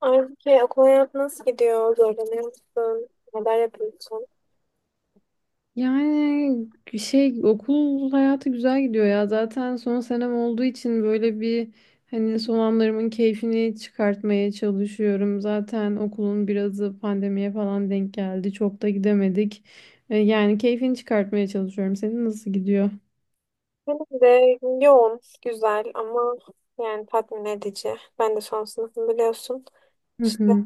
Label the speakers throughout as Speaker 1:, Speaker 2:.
Speaker 1: Halbuki okul hayatı nasıl gidiyor? Zorlanıyor musun? Neler yapıyorsun?
Speaker 2: Yani şey okul hayatı güzel gidiyor ya. Zaten son senem olduğu için böyle bir hani son anlarımın keyfini çıkartmaya çalışıyorum. Zaten okulun birazı pandemiye falan denk geldi. Çok da gidemedik. Yani keyfini çıkartmaya çalışıyorum. Senin nasıl gidiyor?
Speaker 1: Benim de yoğun, güzel ama yani tatmin edici. Ben de son sınıfım biliyorsun.
Speaker 2: Hı
Speaker 1: İşte
Speaker 2: hı.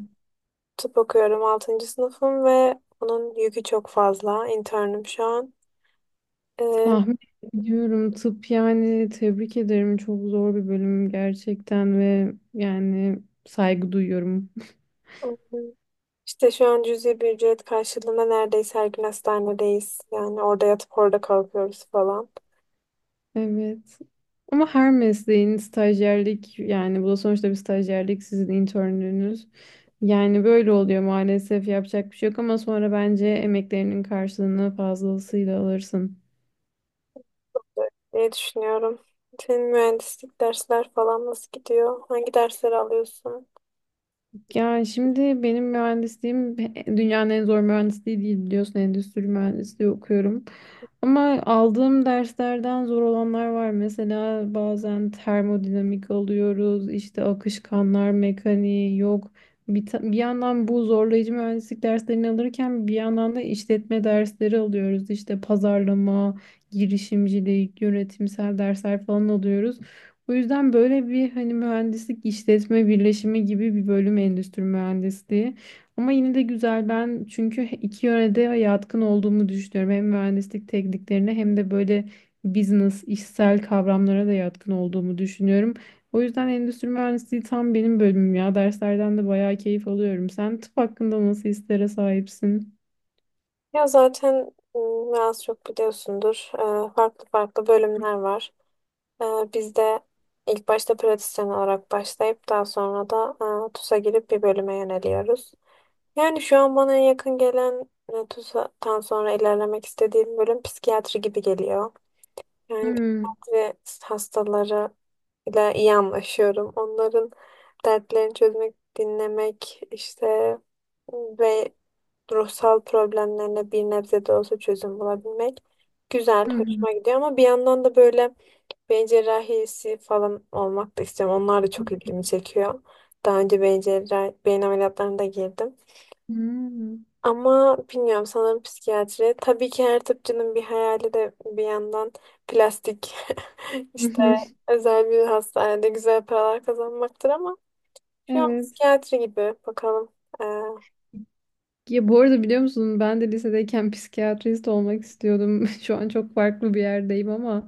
Speaker 1: tıp okuyorum, altıncı sınıfım ve onun yükü çok fazla. İnternim şu an. Ee,
Speaker 2: Tahmin ediyorum tıp yani tebrik ederim. Çok zor bir bölüm gerçekten ve yani saygı duyuyorum.
Speaker 1: İşte şu an cüzi bir ücret karşılığında neredeyse her gün hastanedeyiz. Yani orada yatıp orada kalkıyoruz falan.
Speaker 2: Evet. Ama her mesleğin stajyerlik yani bu da sonuçta bir stajyerlik sizin internlüğünüz. Yani böyle oluyor maalesef yapacak bir şey yok ama sonra bence emeklerinin karşılığını fazlasıyla alırsın.
Speaker 1: Ne düşünüyorum. Senin mühendislik dersler falan nasıl gidiyor? Hangi dersleri alıyorsun?
Speaker 2: Yani şimdi benim mühendisliğim dünyanın en zor mühendisliği değil biliyorsun endüstri mühendisliği okuyorum. Ama aldığım derslerden zor olanlar var. Mesela bazen termodinamik alıyoruz, işte akışkanlar mekaniği yok. Bir yandan bu zorlayıcı mühendislik derslerini alırken bir yandan da işletme dersleri alıyoruz. İşte pazarlama, girişimcilik, yönetimsel dersler falan alıyoruz. Bu yüzden böyle bir hani mühendislik işletme birleşimi gibi bir bölüm endüstri mühendisliği. Ama yine de güzel ben çünkü iki yöne de yatkın olduğumu düşünüyorum. Hem mühendislik tekniklerine hem de böyle business, işsel kavramlara da yatkın olduğumu düşünüyorum. O yüzden endüstri mühendisliği tam benim bölümüm ya. Derslerden de bayağı keyif alıyorum. Sen tıp hakkında nasıl hislere sahipsin?
Speaker 1: Ya zaten biraz çok biliyorsundur. Farklı farklı bölümler var. Ee, Biz de ilk başta pratisyen olarak başlayıp daha sonra da TUS'a girip bir bölüme yöneliyoruz. Yani şu an bana en yakın gelen TUS'tan sonra ilerlemek istediğim bölüm psikiyatri gibi geliyor. Yani
Speaker 2: Hmm.
Speaker 1: psikiyatri hastaları ile iyi anlaşıyorum. Onların dertlerini çözmek, dinlemek, işte, ve ruhsal problemlerine bir nebze de olsa çözüm bulabilmek güzel,
Speaker 2: Hmm.
Speaker 1: hoşuma gidiyor, ama bir yandan da böyle beyin cerrahisi falan olmak da istiyorum. Onlar da çok ilgimi çekiyor. Daha önce beyin cerrahi, beyin ameliyatlarına da girdim.
Speaker 2: Hmm.
Speaker 1: Ama bilmiyorum, sanırım psikiyatri. Tabii ki her tıpçının bir hayali de bir yandan plastik işte özel bir hastanede güzel paralar kazanmaktır, ama şu an
Speaker 2: Evet.
Speaker 1: psikiyatri gibi, bakalım. Ee,
Speaker 2: Ya bu arada biliyor musun ben de lisedeyken psikiyatrist olmak istiyordum. Şu an çok farklı bir yerdeyim ama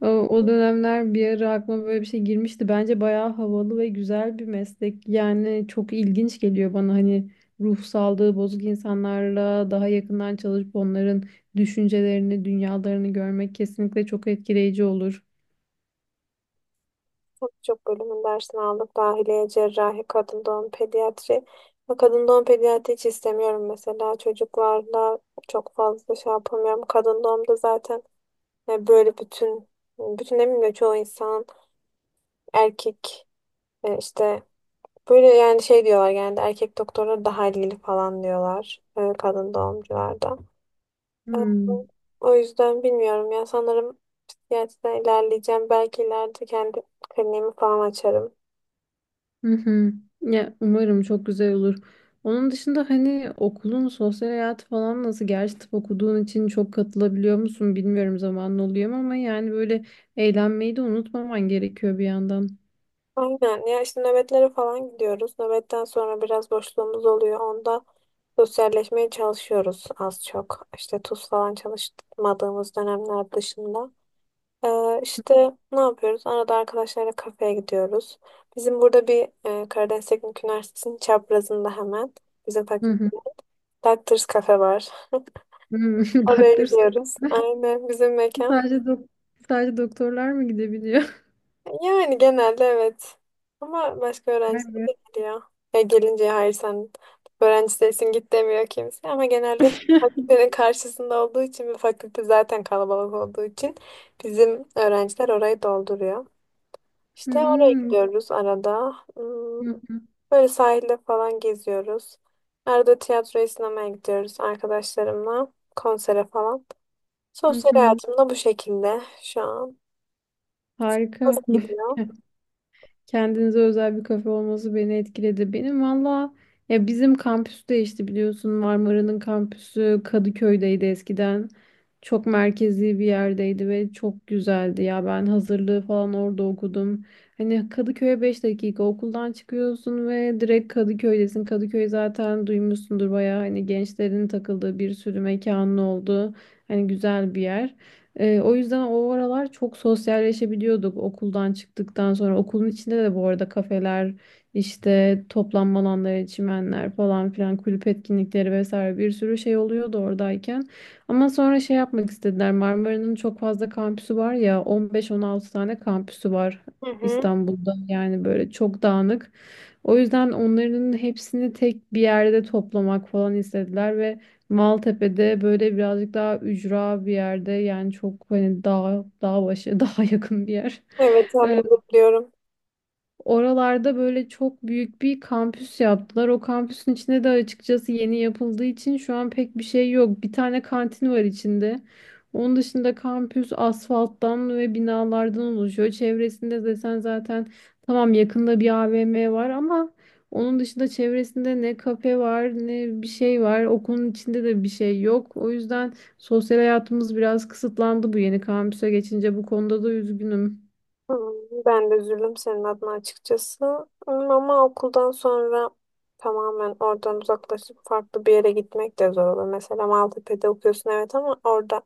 Speaker 2: o dönemler bir ara aklıma böyle bir şey girmişti. Bence bayağı havalı ve güzel bir meslek. Yani çok ilginç geliyor bana hani ruh sağlığı bozuk insanlarla daha yakından çalışıp onların düşüncelerini, dünyalarını görmek kesinlikle çok etkileyici olur.
Speaker 1: Pek çok bölümün dersini aldık. Dahiliye, cerrahi, kadın doğum, pediatri. Ve kadın doğum pediatri hiç istemiyorum mesela. Çocuklarla çok fazla şey yapamıyorum. Kadın doğumda zaten, böyle bütün eminim de çoğu insan erkek, işte, böyle, yani şey diyorlar, genelde erkek doktorlar daha ilgili falan diyorlar, kadın doğumcularda. E,
Speaker 2: Hmm.
Speaker 1: O yüzden bilmiyorum ya, sanırım psikiyatriden ilerleyeceğim. Belki ileride kendi kliniğimi falan açarım.
Speaker 2: Hı hı. Ya umarım çok güzel olur. Onun dışında hani okulun sosyal hayatı falan nasıl? Gerçi tıp okuduğun için çok katılabiliyor musun bilmiyorum zamanın oluyor mu ama yani böyle eğlenmeyi de unutmaman gerekiyor bir yandan.
Speaker 1: Aynen ya, işte nöbetlere falan gidiyoruz. Nöbetten sonra biraz boşluğumuz oluyor. Onda sosyalleşmeye çalışıyoruz az çok. İşte tuz falan çalışmadığımız dönemler dışında. İşte ne yapıyoruz? Arada arkadaşlarla kafeye gidiyoruz. Bizim burada bir, Karadeniz Teknik Üniversitesi'nin çaprazında, hemen bizim
Speaker 2: Hı
Speaker 1: fakülte,
Speaker 2: hı.
Speaker 1: Doctors Cafe var.
Speaker 2: Hı.
Speaker 1: Oraya
Speaker 2: Doctors
Speaker 1: gidiyoruz. Aynen, bizim
Speaker 2: Club'a
Speaker 1: mekan.
Speaker 2: sadece doktorlar mı gidebiliyor?
Speaker 1: Yani genelde evet. Ama başka öğrenciler
Speaker 2: Evet.
Speaker 1: de geliyor. Ya gelince hayır sen öğrenci değilsin git demiyor kimse. Ama genelde fakültenin karşısında olduğu için ve fakülte zaten kalabalık olduğu için bizim öğrenciler orayı dolduruyor. İşte oraya
Speaker 2: Hmm.
Speaker 1: gidiyoruz arada. Hmm.
Speaker 2: Hı hı.
Speaker 1: Böyle sahilde falan geziyoruz. Arada tiyatroya, sinemaya gidiyoruz arkadaşlarımla. Konsere falan.
Speaker 2: Hı
Speaker 1: Sosyal
Speaker 2: hı.
Speaker 1: hayatım da bu şekilde şu an.
Speaker 2: Harika.
Speaker 1: Nasıl gidiyor?
Speaker 2: Kendinize özel bir kafe olması beni etkiledi. Benim valla ya bizim kampüs değişti biliyorsun. Marmara'nın kampüsü Kadıköy'deydi eskiden. Çok merkezi bir yerdeydi ve çok güzeldi ya. Ben hazırlığı falan orada okudum. Hani Kadıköy'e 5 dakika okuldan çıkıyorsun ve direkt Kadıköy'desin. Kadıköy zaten duymuşsundur bayağı hani gençlerin takıldığı bir sürü mekanın oldu. Hani güzel bir yer. O yüzden o aralar çok sosyalleşebiliyorduk okuldan çıktıktan sonra. Okulun içinde de bu arada kafeler, işte toplanma alanları, çimenler falan filan, kulüp etkinlikleri vesaire bir sürü şey oluyordu oradayken. Ama sonra şey yapmak istediler. Marmara'nın çok fazla kampüsü var ya 15-16 tane kampüsü var
Speaker 1: Hı hı.
Speaker 2: İstanbul'da yani böyle çok dağınık. O yüzden onların hepsini tek bir yerde toplamak falan istediler ve Maltepe'de böyle birazcık daha ücra bir yerde yani çok hani dağ başı, dağa yakın bir yer.
Speaker 1: Evet, tahmin edebiliyorum.
Speaker 2: Oralarda böyle çok büyük bir kampüs yaptılar. O kampüsün içinde de açıkçası yeni yapıldığı için şu an pek bir şey yok. Bir tane kantin var içinde. Onun dışında kampüs asfalttan ve binalardan oluşuyor. Çevresinde desen zaten tamam yakında bir AVM var ama onun dışında çevresinde ne kafe var ne bir şey var. Okulun içinde de bir şey yok. O yüzden sosyal hayatımız biraz kısıtlandı bu yeni kampüse geçince. Bu konuda da üzgünüm.
Speaker 1: Hmm. Ben de üzüldüm senin adına açıkçası. Hmm. Ama okuldan sonra tamamen oradan uzaklaşıp farklı bir yere gitmek de zor olur. Mesela Maltepe'de okuyorsun evet, ama orada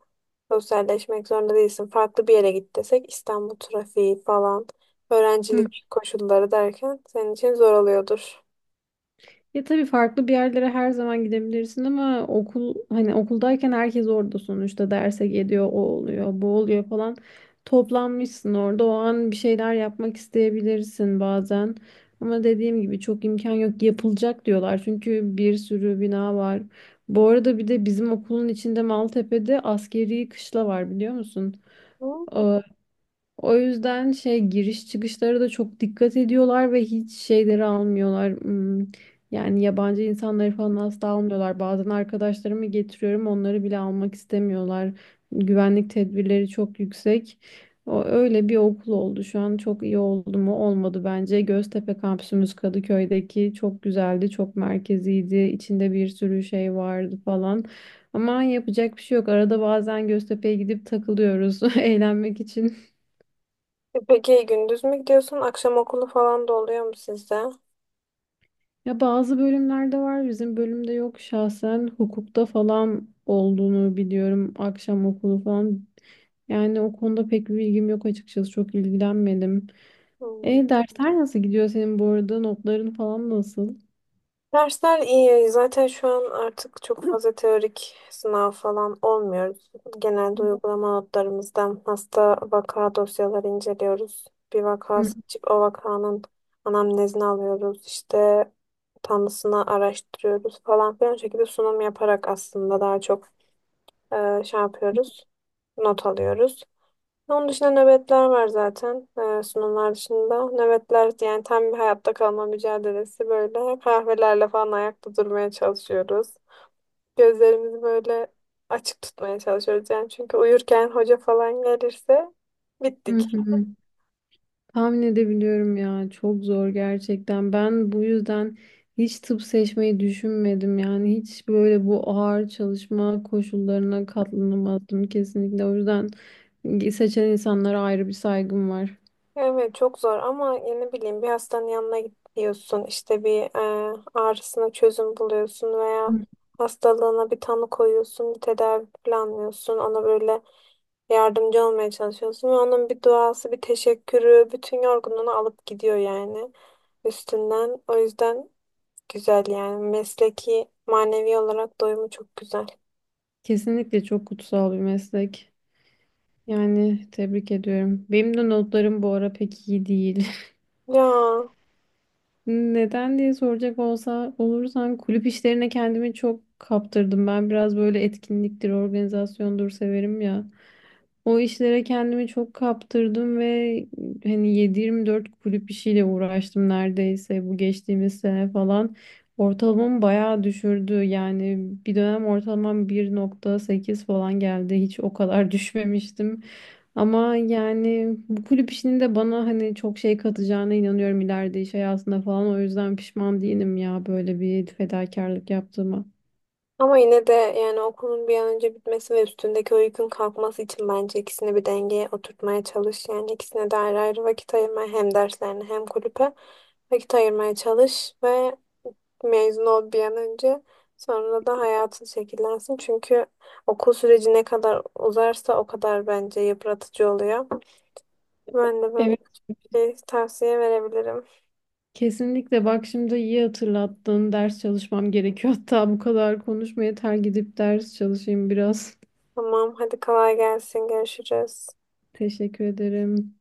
Speaker 1: sosyalleşmek zorunda değilsin. Farklı bir yere git desek, İstanbul trafiği falan, öğrencilik koşulları derken senin için zor oluyordur.
Speaker 2: Ya tabii farklı bir yerlere her zaman gidebilirsin ama okul hani okuldayken herkes orada sonuçta derse geliyor, o oluyor, bu oluyor falan. Toplanmışsın orada o an bir şeyler yapmak isteyebilirsin bazen. Ama dediğim gibi çok imkan yok yapılacak diyorlar çünkü bir sürü bina var. Bu arada bir de bizim okulun içinde Maltepe'de askeri kışla var biliyor musun?
Speaker 1: Hmm.
Speaker 2: Ee, O yüzden şey giriş çıkışlara da çok dikkat ediyorlar ve hiç şeyleri almıyorlar. Hmm. Yani yabancı insanları falan asla almıyorlar. Bazen arkadaşlarımı getiriyorum, onları bile almak istemiyorlar. Güvenlik tedbirleri çok yüksek. O öyle bir okul oldu şu an. Çok iyi oldu mu? Olmadı bence. Göztepe kampüsümüz Kadıköy'deki çok güzeldi, çok merkeziydi. İçinde bir sürü şey vardı falan. Ama yapacak bir şey yok. Arada bazen Göztepe'ye gidip takılıyoruz eğlenmek için.
Speaker 1: E peki gündüz mü gidiyorsun? Akşam okulu falan da oluyor mu sizde?
Speaker 2: Ya bazı bölümlerde var bizim bölümde yok şahsen hukukta falan olduğunu biliyorum akşam okulu falan. Yani o konuda pek bir bilgim yok açıkçası çok ilgilenmedim.
Speaker 1: Hmm.
Speaker 2: E dersler nasıl gidiyor senin bu arada notların falan nasıl?
Speaker 1: Dersler iyi. Zaten şu an artık çok fazla teorik sınav falan olmuyoruz. Genelde uygulama notlarımızdan hasta vaka dosyaları inceliyoruz. Bir vaka
Speaker 2: Hı
Speaker 1: seçip o vakanın anamnezini alıyoruz. İşte tanısını araştırıyoruz falan filan şekilde sunum yaparak aslında daha çok şey yapıyoruz. Not alıyoruz. Onun dışında nöbetler var zaten. Sunumlar dışında. Nöbetler yani tam bir hayatta kalma mücadelesi böyle. Kahvelerle falan ayakta durmaya çalışıyoruz. Gözlerimizi böyle açık tutmaya çalışıyoruz yani. Çünkü uyurken hoca falan gelirse
Speaker 2: hı
Speaker 1: bittik.
Speaker 2: hı. Tahmin edebiliyorum ya. Çok zor gerçekten. Ben bu yüzden hiç tıp seçmeyi düşünmedim. Yani hiç böyle bu ağır çalışma koşullarına katlanamazdım kesinlikle. O yüzden seçen insanlara ayrı bir saygım var.
Speaker 1: Evet çok zor, ama ya ne bileyim, bir hastanın yanına gidiyorsun, işte bir, ağrısına çözüm buluyorsun veya
Speaker 2: Hı.
Speaker 1: hastalığına bir tanı koyuyorsun, bir tedavi planlıyorsun, ona böyle yardımcı olmaya çalışıyorsun ve onun bir duası bir teşekkürü bütün yorgunluğunu alıp gidiyor yani üstünden. O yüzden güzel yani, mesleki manevi olarak doyumu çok güzel.
Speaker 2: Kesinlikle çok kutsal bir meslek. Yani tebrik ediyorum. Benim de notlarım bu ara pek iyi değil.
Speaker 1: Ya,
Speaker 2: Neden diye soracak olsa olursan kulüp işlerine kendimi çok kaptırdım. Ben biraz böyle etkinliktir, organizasyondur severim ya. O işlere kendimi çok kaptırdım ve hani 7-24 kulüp işiyle uğraştım neredeyse bu geçtiğimiz sene falan. Ortalamamı bayağı düşürdü. Yani bir dönem ortalamam 1,8 falan geldi. Hiç o kadar düşmemiştim. Ama yani bu kulüp işinin de bana hani çok şey katacağına inanıyorum ileride iş hayatında falan. O yüzden pişman değilim ya böyle bir fedakarlık yaptığıma.
Speaker 1: ama yine de yani okulun bir an önce bitmesi ve üstündeki o yükün kalkması için bence ikisini bir dengeye oturtmaya çalış. Yani ikisine de ayrı ayrı vakit ayırma, hem derslerine hem kulüpe vakit ayırmaya çalış ve mezun ol bir an önce. Sonra da hayatın şekillensin. Çünkü okul süreci ne kadar uzarsa o kadar bence yıpratıcı oluyor. Ben de böyle küçük bir şey tavsiye verebilirim.
Speaker 2: Kesinlikle bak şimdi iyi hatırlattın. Ders çalışmam gerekiyor. Hatta bu kadar konuşmaya yeter gidip ders çalışayım biraz.
Speaker 1: Tamam, hadi kolay gelsin. Görüşürüz.
Speaker 2: Teşekkür ederim.